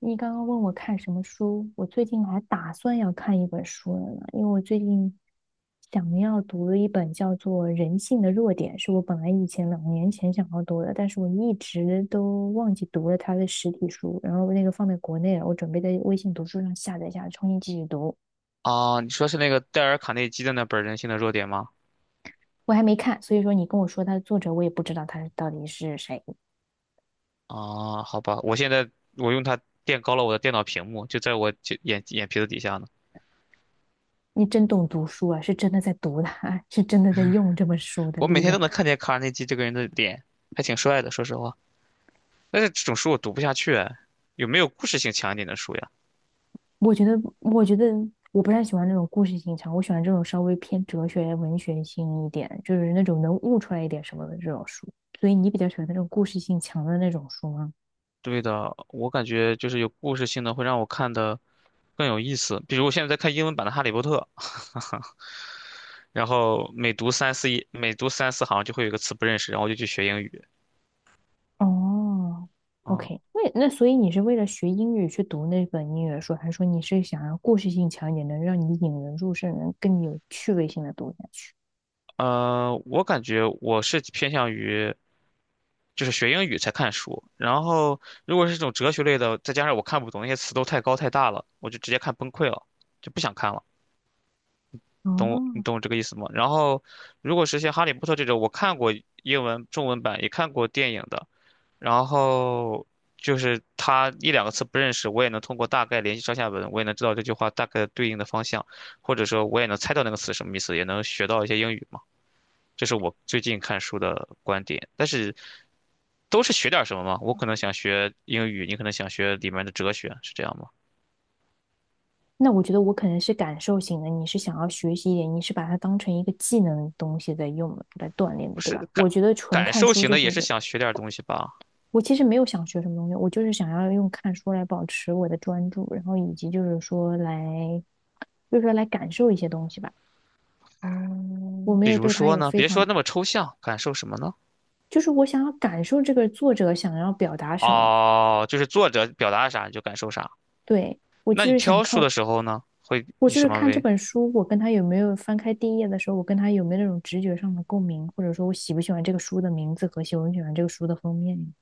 你刚刚问我看什么书，我最近还打算要看一本书了呢，因为我最近想要读的一本叫做《人性的弱点》，是我本来以前2年前想要读的，但是我一直都忘记读了它的实体书，然后那个放在国内了，我准备在微信读书上下载下来，重新继续读。啊，你说是那个戴尔卡内基的那本《人性的弱点》吗？我还没看，所以说你跟我说它的作者，我也不知道他到底是谁。啊，好吧，我现在用它垫高了我的电脑屏幕，就在我眼皮子底下呢。你真懂读书啊，是真的在读它，是真的在用这本书的我每力天都量。能看见卡尔内基这个人的脸，还挺帅的，说实话。但是这种书我读不下去哎，有没有故事性强一点的书呀？我觉得我不太喜欢那种故事性强，我喜欢这种稍微偏哲学、文学性一点，就是那种能悟出来一点什么的这种书。所以你比较喜欢那种故事性强的那种书吗？对的，我感觉就是有故事性的会让我看的更有意思。比如我现在在看英文版的《哈利波特》，然后每读三四行就会有一个词不认识，然后我就去学英语。哦，OK，啊。那所以你是为了学英语去读那本英语的书，还是说你是想要故事性强一点，能让你引人入胜，能更有趣味性的读下去？我感觉我是偏向于就是学英语才看书。然后如果是这种哲学类的，再加上我看不懂那些词都太高太大了，我就直接看崩溃了，就不想看了。懂我，你哦，懂我这个意思吗？然后如果是像《哈利波特》这种，我看过英文、中文版，也看过电影的，然后就是他一两个词不认识，我也能通过大概联系上下文，我也能知道这句话大概对应的方向，或者说我也能猜到那个词什么意思，也能学到一些英语嘛。这是我最近看书的观点。但是都是学点儿什么吗？我可能想学英语，你可能想学里面的哲学，是这样吗？那我觉得我可能是感受型的，你是想要学习一点，你是把它当成一个技能东西在用来锻炼的，不对是吧？感我觉得纯感看受书型就的，是也一是种，想学点儿东西吧。我其实没有想学什么东西，我就是想要用看书来保持我的专注，然后以及就是说来感受一些东西吧。我没比有如对它说有呢，非别说常，那么抽象，感受什么呢？就是我想要感受这个作者想要表达什么。哦，就是作者表达啥你就感受啥。对，我那就你是想挑看，书的时候呢，会我以就是什么看这为？本书，我跟他有没有翻开第一页的时候，我跟他有没有那种直觉上的共鸣，或者说我喜不喜欢这个书的名字和喜不喜欢这个书的封面。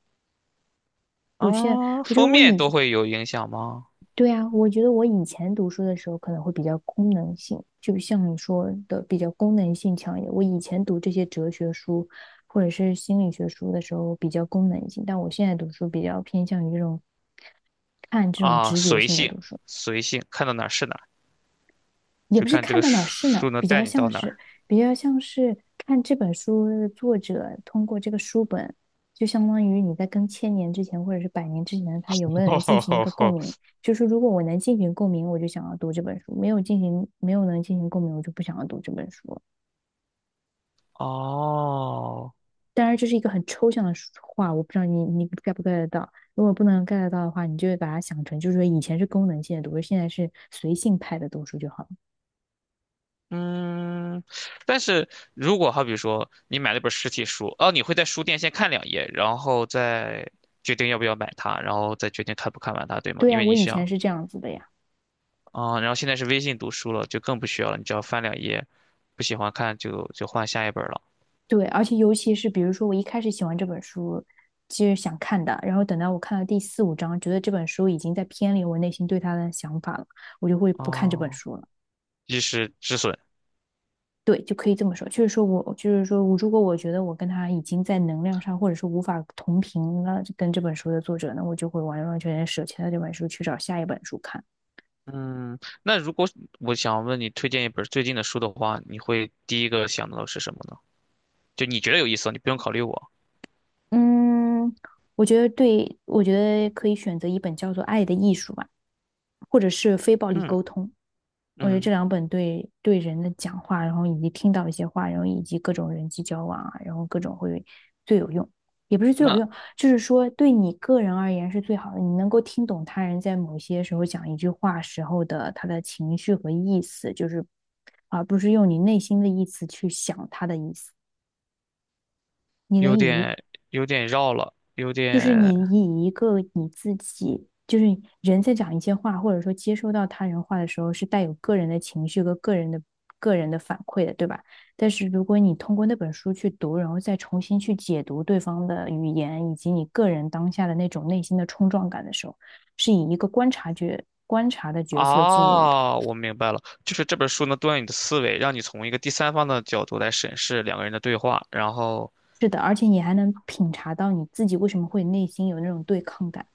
啊，我觉得封我面都以，会有影响吗？对啊，我觉得我以前读书的时候可能会比较功能性，就像你说的比较功能性强一点。我以前读这些哲学书或者是心理学书的时候比较功能性，但我现在读书比较偏向于这种看这种啊，直觉随性的性，读书。看到哪儿是哪儿，也就不是看这看个到哪儿是哪书儿，能比带较你到像哪是儿。看这本书的作者通过这个书本，就相当于你在跟千年之前或者是百年之前的他有没有能进行一个共鸣。就是如果我能进行共鸣，我就想要读这本书；没有能进行共鸣，我就不想要读这本书。哦，当然，这是一个很抽象的话，我不知道你 get 不 get 得到。如果不能 get 得到的话，你就会把它想成，就是说以前是功能性的读书，现在是随性派的读书就好了。嗯，但是如果好比说你买了本实体书，哦，你会在书店先看两页，然后再决定要不要买它，然后再决定看不看完它，对吗？对呀，因啊为我你以前想是这样子的呀。啊。然后现在是微信读书了，就更不需要了，你只要翻两页，不喜欢看就换下一本了。对，而且尤其是比如说，我一开始喜欢这本书，其实想看的，然后等到我看到第四五章，觉得这本书已经在偏离我内心对它的想法了，我就会不看这本哦，书了。及时止损。对，就可以这么说，就是说我，如果我觉得我跟他已经在能量上，或者是无法同频了，跟这本书的作者呢，我就会完完全全舍弃了这本书，去找下一本书看。嗯，那如果我想问你推荐一本最近的书的话，你会第一个想到的是什么呢？就你觉得有意思，你不用考虑我。嗯，我觉得对，我觉得可以选择一本叫做《爱的艺术》吧，或者是《非暴力嗯沟通》。我觉得这嗯，两本对人的讲话，然后以及听到一些话，然后以及各种人际交往啊，然后各种会最有用，也不是最有那用，就是说对你个人而言是最好的。你能够听懂他人在某些时候讲一句话时候的他的情绪和意思，就是而不是用你内心的意思去想他的意思。你能有以一点绕了，就是你以一个你自己，就是人在讲一些话，或者说接收到他人话的时候，是带有个人的情绪和个人的反馈的，对吧？但是如果你通过那本书去读，然后再重新去解读对方的语言，以及你个人当下的那种内心的冲撞感的时候，是以一个观察觉观察的角色进入的。啊，我明白了，就是这本书能锻炼你的思维，让你从一个第三方的角度来审视两个人的对话。然后是的，而且你还能品察到你自己为什么会内心有那种对抗感。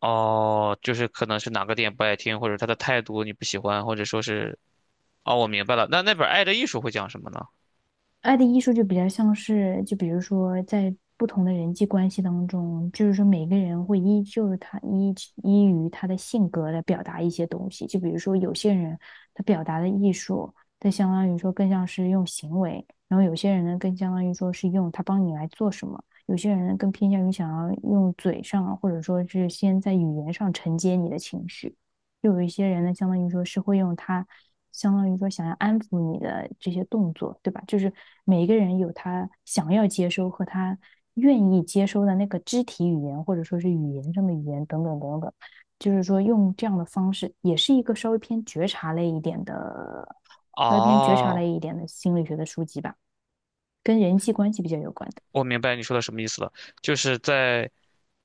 哦，就是可能是哪个点不爱听，或者他的态度你不喜欢，或者说是哦，我明白了。那那本《爱的艺术》会讲什么呢？爱的艺术就比较像是，就比如说在不同的人际关系当中，就是说每个人会依就是他依依于他的性格来表达一些东西。就比如说有些人他表达的艺术，他相当于说更像是用行为，然后有些人呢更相当于说是用他帮你来做什么，有些人呢更偏向于想要用嘴上或者说是先在语言上承接你的情绪，又有一些人呢相当于说是会用他，相当于说想要安抚你的这些动作，对吧？就是每一个人有他想要接收和他愿意接收的那个肢体语言，或者说是语言上的语言等等等等。就是说用这样的方式，也是一个稍微偏觉察哦，类一点的心理学的书籍吧，跟人际关系比较有关的。我明白你说的什么意思了，就是在。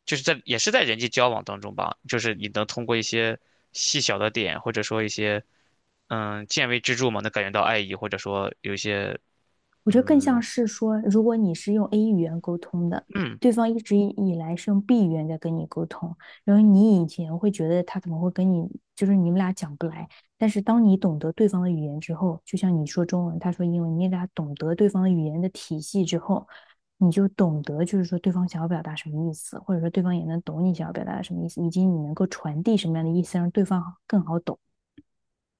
就是在也是在人际交往当中吧，就是你能通过一些细小的点，或者说一些见微知著嘛，能感觉到爱意，或者说有一些我觉得更像嗯是说，如果你是用 A 语言沟通的，嗯，对方一直以来是用 B 语言在跟你沟通，然后你以前会觉得他怎么会跟你，就是你们俩讲不来，但是当你懂得对方的语言之后，就像你说中文，他说英文，你俩懂得对方的语言的体系之后，你就懂得就是说对方想要表达什么意思，或者说对方也能懂你想要表达什么意思，以及你能够传递什么样的意思，让对方更好懂。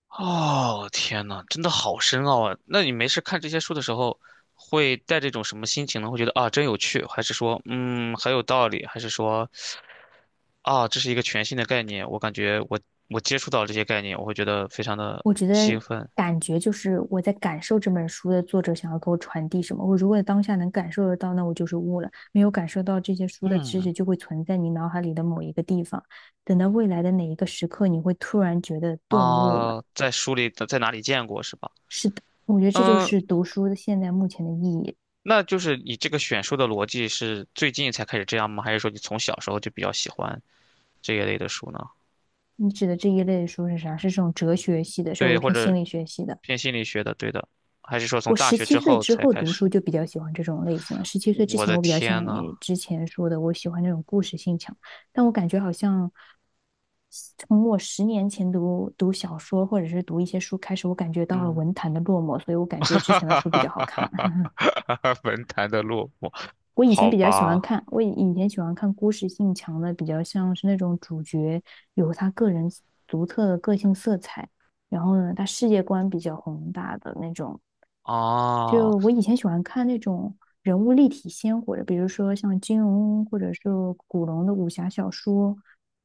哦天呐，真的好深奥啊！那你没事看这些书的时候，会带这种什么心情呢？会觉得啊真有趣，还是说嗯很有道理，还是说啊这是一个全新的概念？我感觉我接触到这些概念，我会觉得非常的我觉得兴奋。感觉就是我在感受这本书的作者想要给我传递什么。我如果当下能感受得到，那我就是悟了；没有感受到这些书的知嗯。识，就会存在你脑海里的某一个地方。等到未来的哪一个时刻，你会突然觉得顿悟了。啊，在书里的在哪里见过是吧？是的，我觉得这就嗯，是读书的现在目前的意义。那就是你这个选书的逻辑是最近才开始这样吗？还是说你从小时候就比较喜欢这一类的书呢？你指的这一类的书是啥？是这种哲学系的，稍对，微或偏心者理学系的。偏心理学的，对的，还是说我从大十学七之岁后之才后开读书始？就比较喜欢这种类型了。十七岁之我前，的我比较天像呐，你之前说的，我喜欢那种故事性强。但我感觉好像从我10年前读小说或者是读一些书开始，我感觉到了嗯，文坛的落寞，所以我 感觉哈之哈前的哈书比较好哈看。哈 哈文坛的落寞，我以前好比较喜欢吧，看，我以前喜欢看故事性强的，比较像是那种主角有他个人独特的个性色彩，然后呢，他世界观比较宏大的那种。啊。就我以前喜欢看那种人物立体鲜活的，比如说像金庸或者是古龙的武侠小说，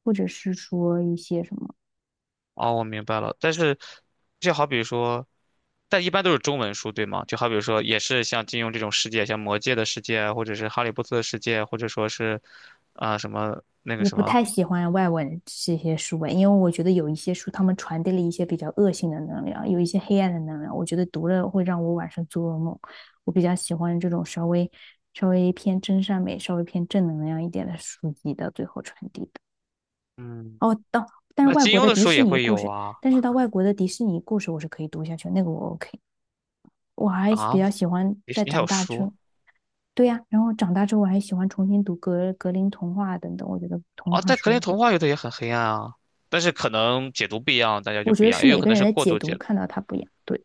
或者是说一些什么。哦，我明白了。但是，就好比说，但一般都是中文书，对吗？就好比说，也是像金庸这种世界，像魔界的世界，或者是哈利波特的世界，或者说是啊、什么那个我什不么，太喜欢外文这些书诶，因为我觉得有一些书他们传递了一些比较恶性的能量，有一些黑暗的能量，我觉得读了会让我晚上做噩梦。我比较喜欢这种稍微偏真善美、稍微偏正能量一点的书籍的最后传递的。嗯，哦，到，但是那外国金庸的的迪书士也尼会故有事，啊。但是到外国的迪士尼故事我是可以读下去，那个我 OK。我还比啊，较喜欢你在你还长有大之书后，对呀、然后长大之后我还喜欢重新读格林童话等等，我觉得童啊？话但格书也林很，童话有的也很黑暗啊，但是可能解读不一样，大家就我觉不一得样，是也有每可个能人是的过解度解读读。看到它不一样。对，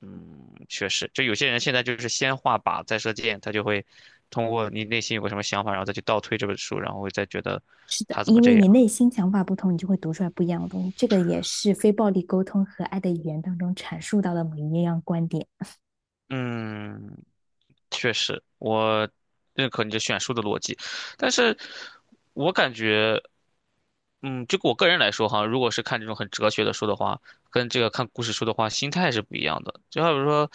嗯，确实，就有些人现在就是先画靶再射箭，他就会通过你内心有个什么想法，然后再去倒推这本书，然后再觉得是的，他怎么因为这你样。内心想法不同，你就会读出来不一样的东西。这个也是非暴力沟通和爱的语言当中阐述到的某一样观点。嗯，确实，我认可你这选书的逻辑。但是我感觉。嗯，就我个人来说哈，如果是看这种很哲学的书的话，跟这个看故事书的话，心态是不一样的。就好比说，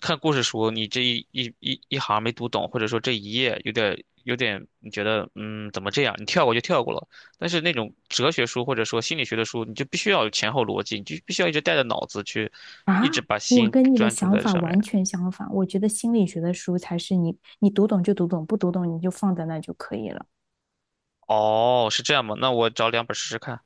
看故事书，你这一行没读懂，或者说这一页有点，你觉得嗯怎么这样，你跳过就跳过了。但是那种哲学书或者说心理学的书，你就必须要有前后逻辑，你就必须要一直带着脑子去，啊，一直把我心跟你的专注想在这法上面。完全相反。我觉得心理学的书才是你，你读懂就读懂，不读懂你就放在那就可以了。哦，是这样吗？那我找两本试试看。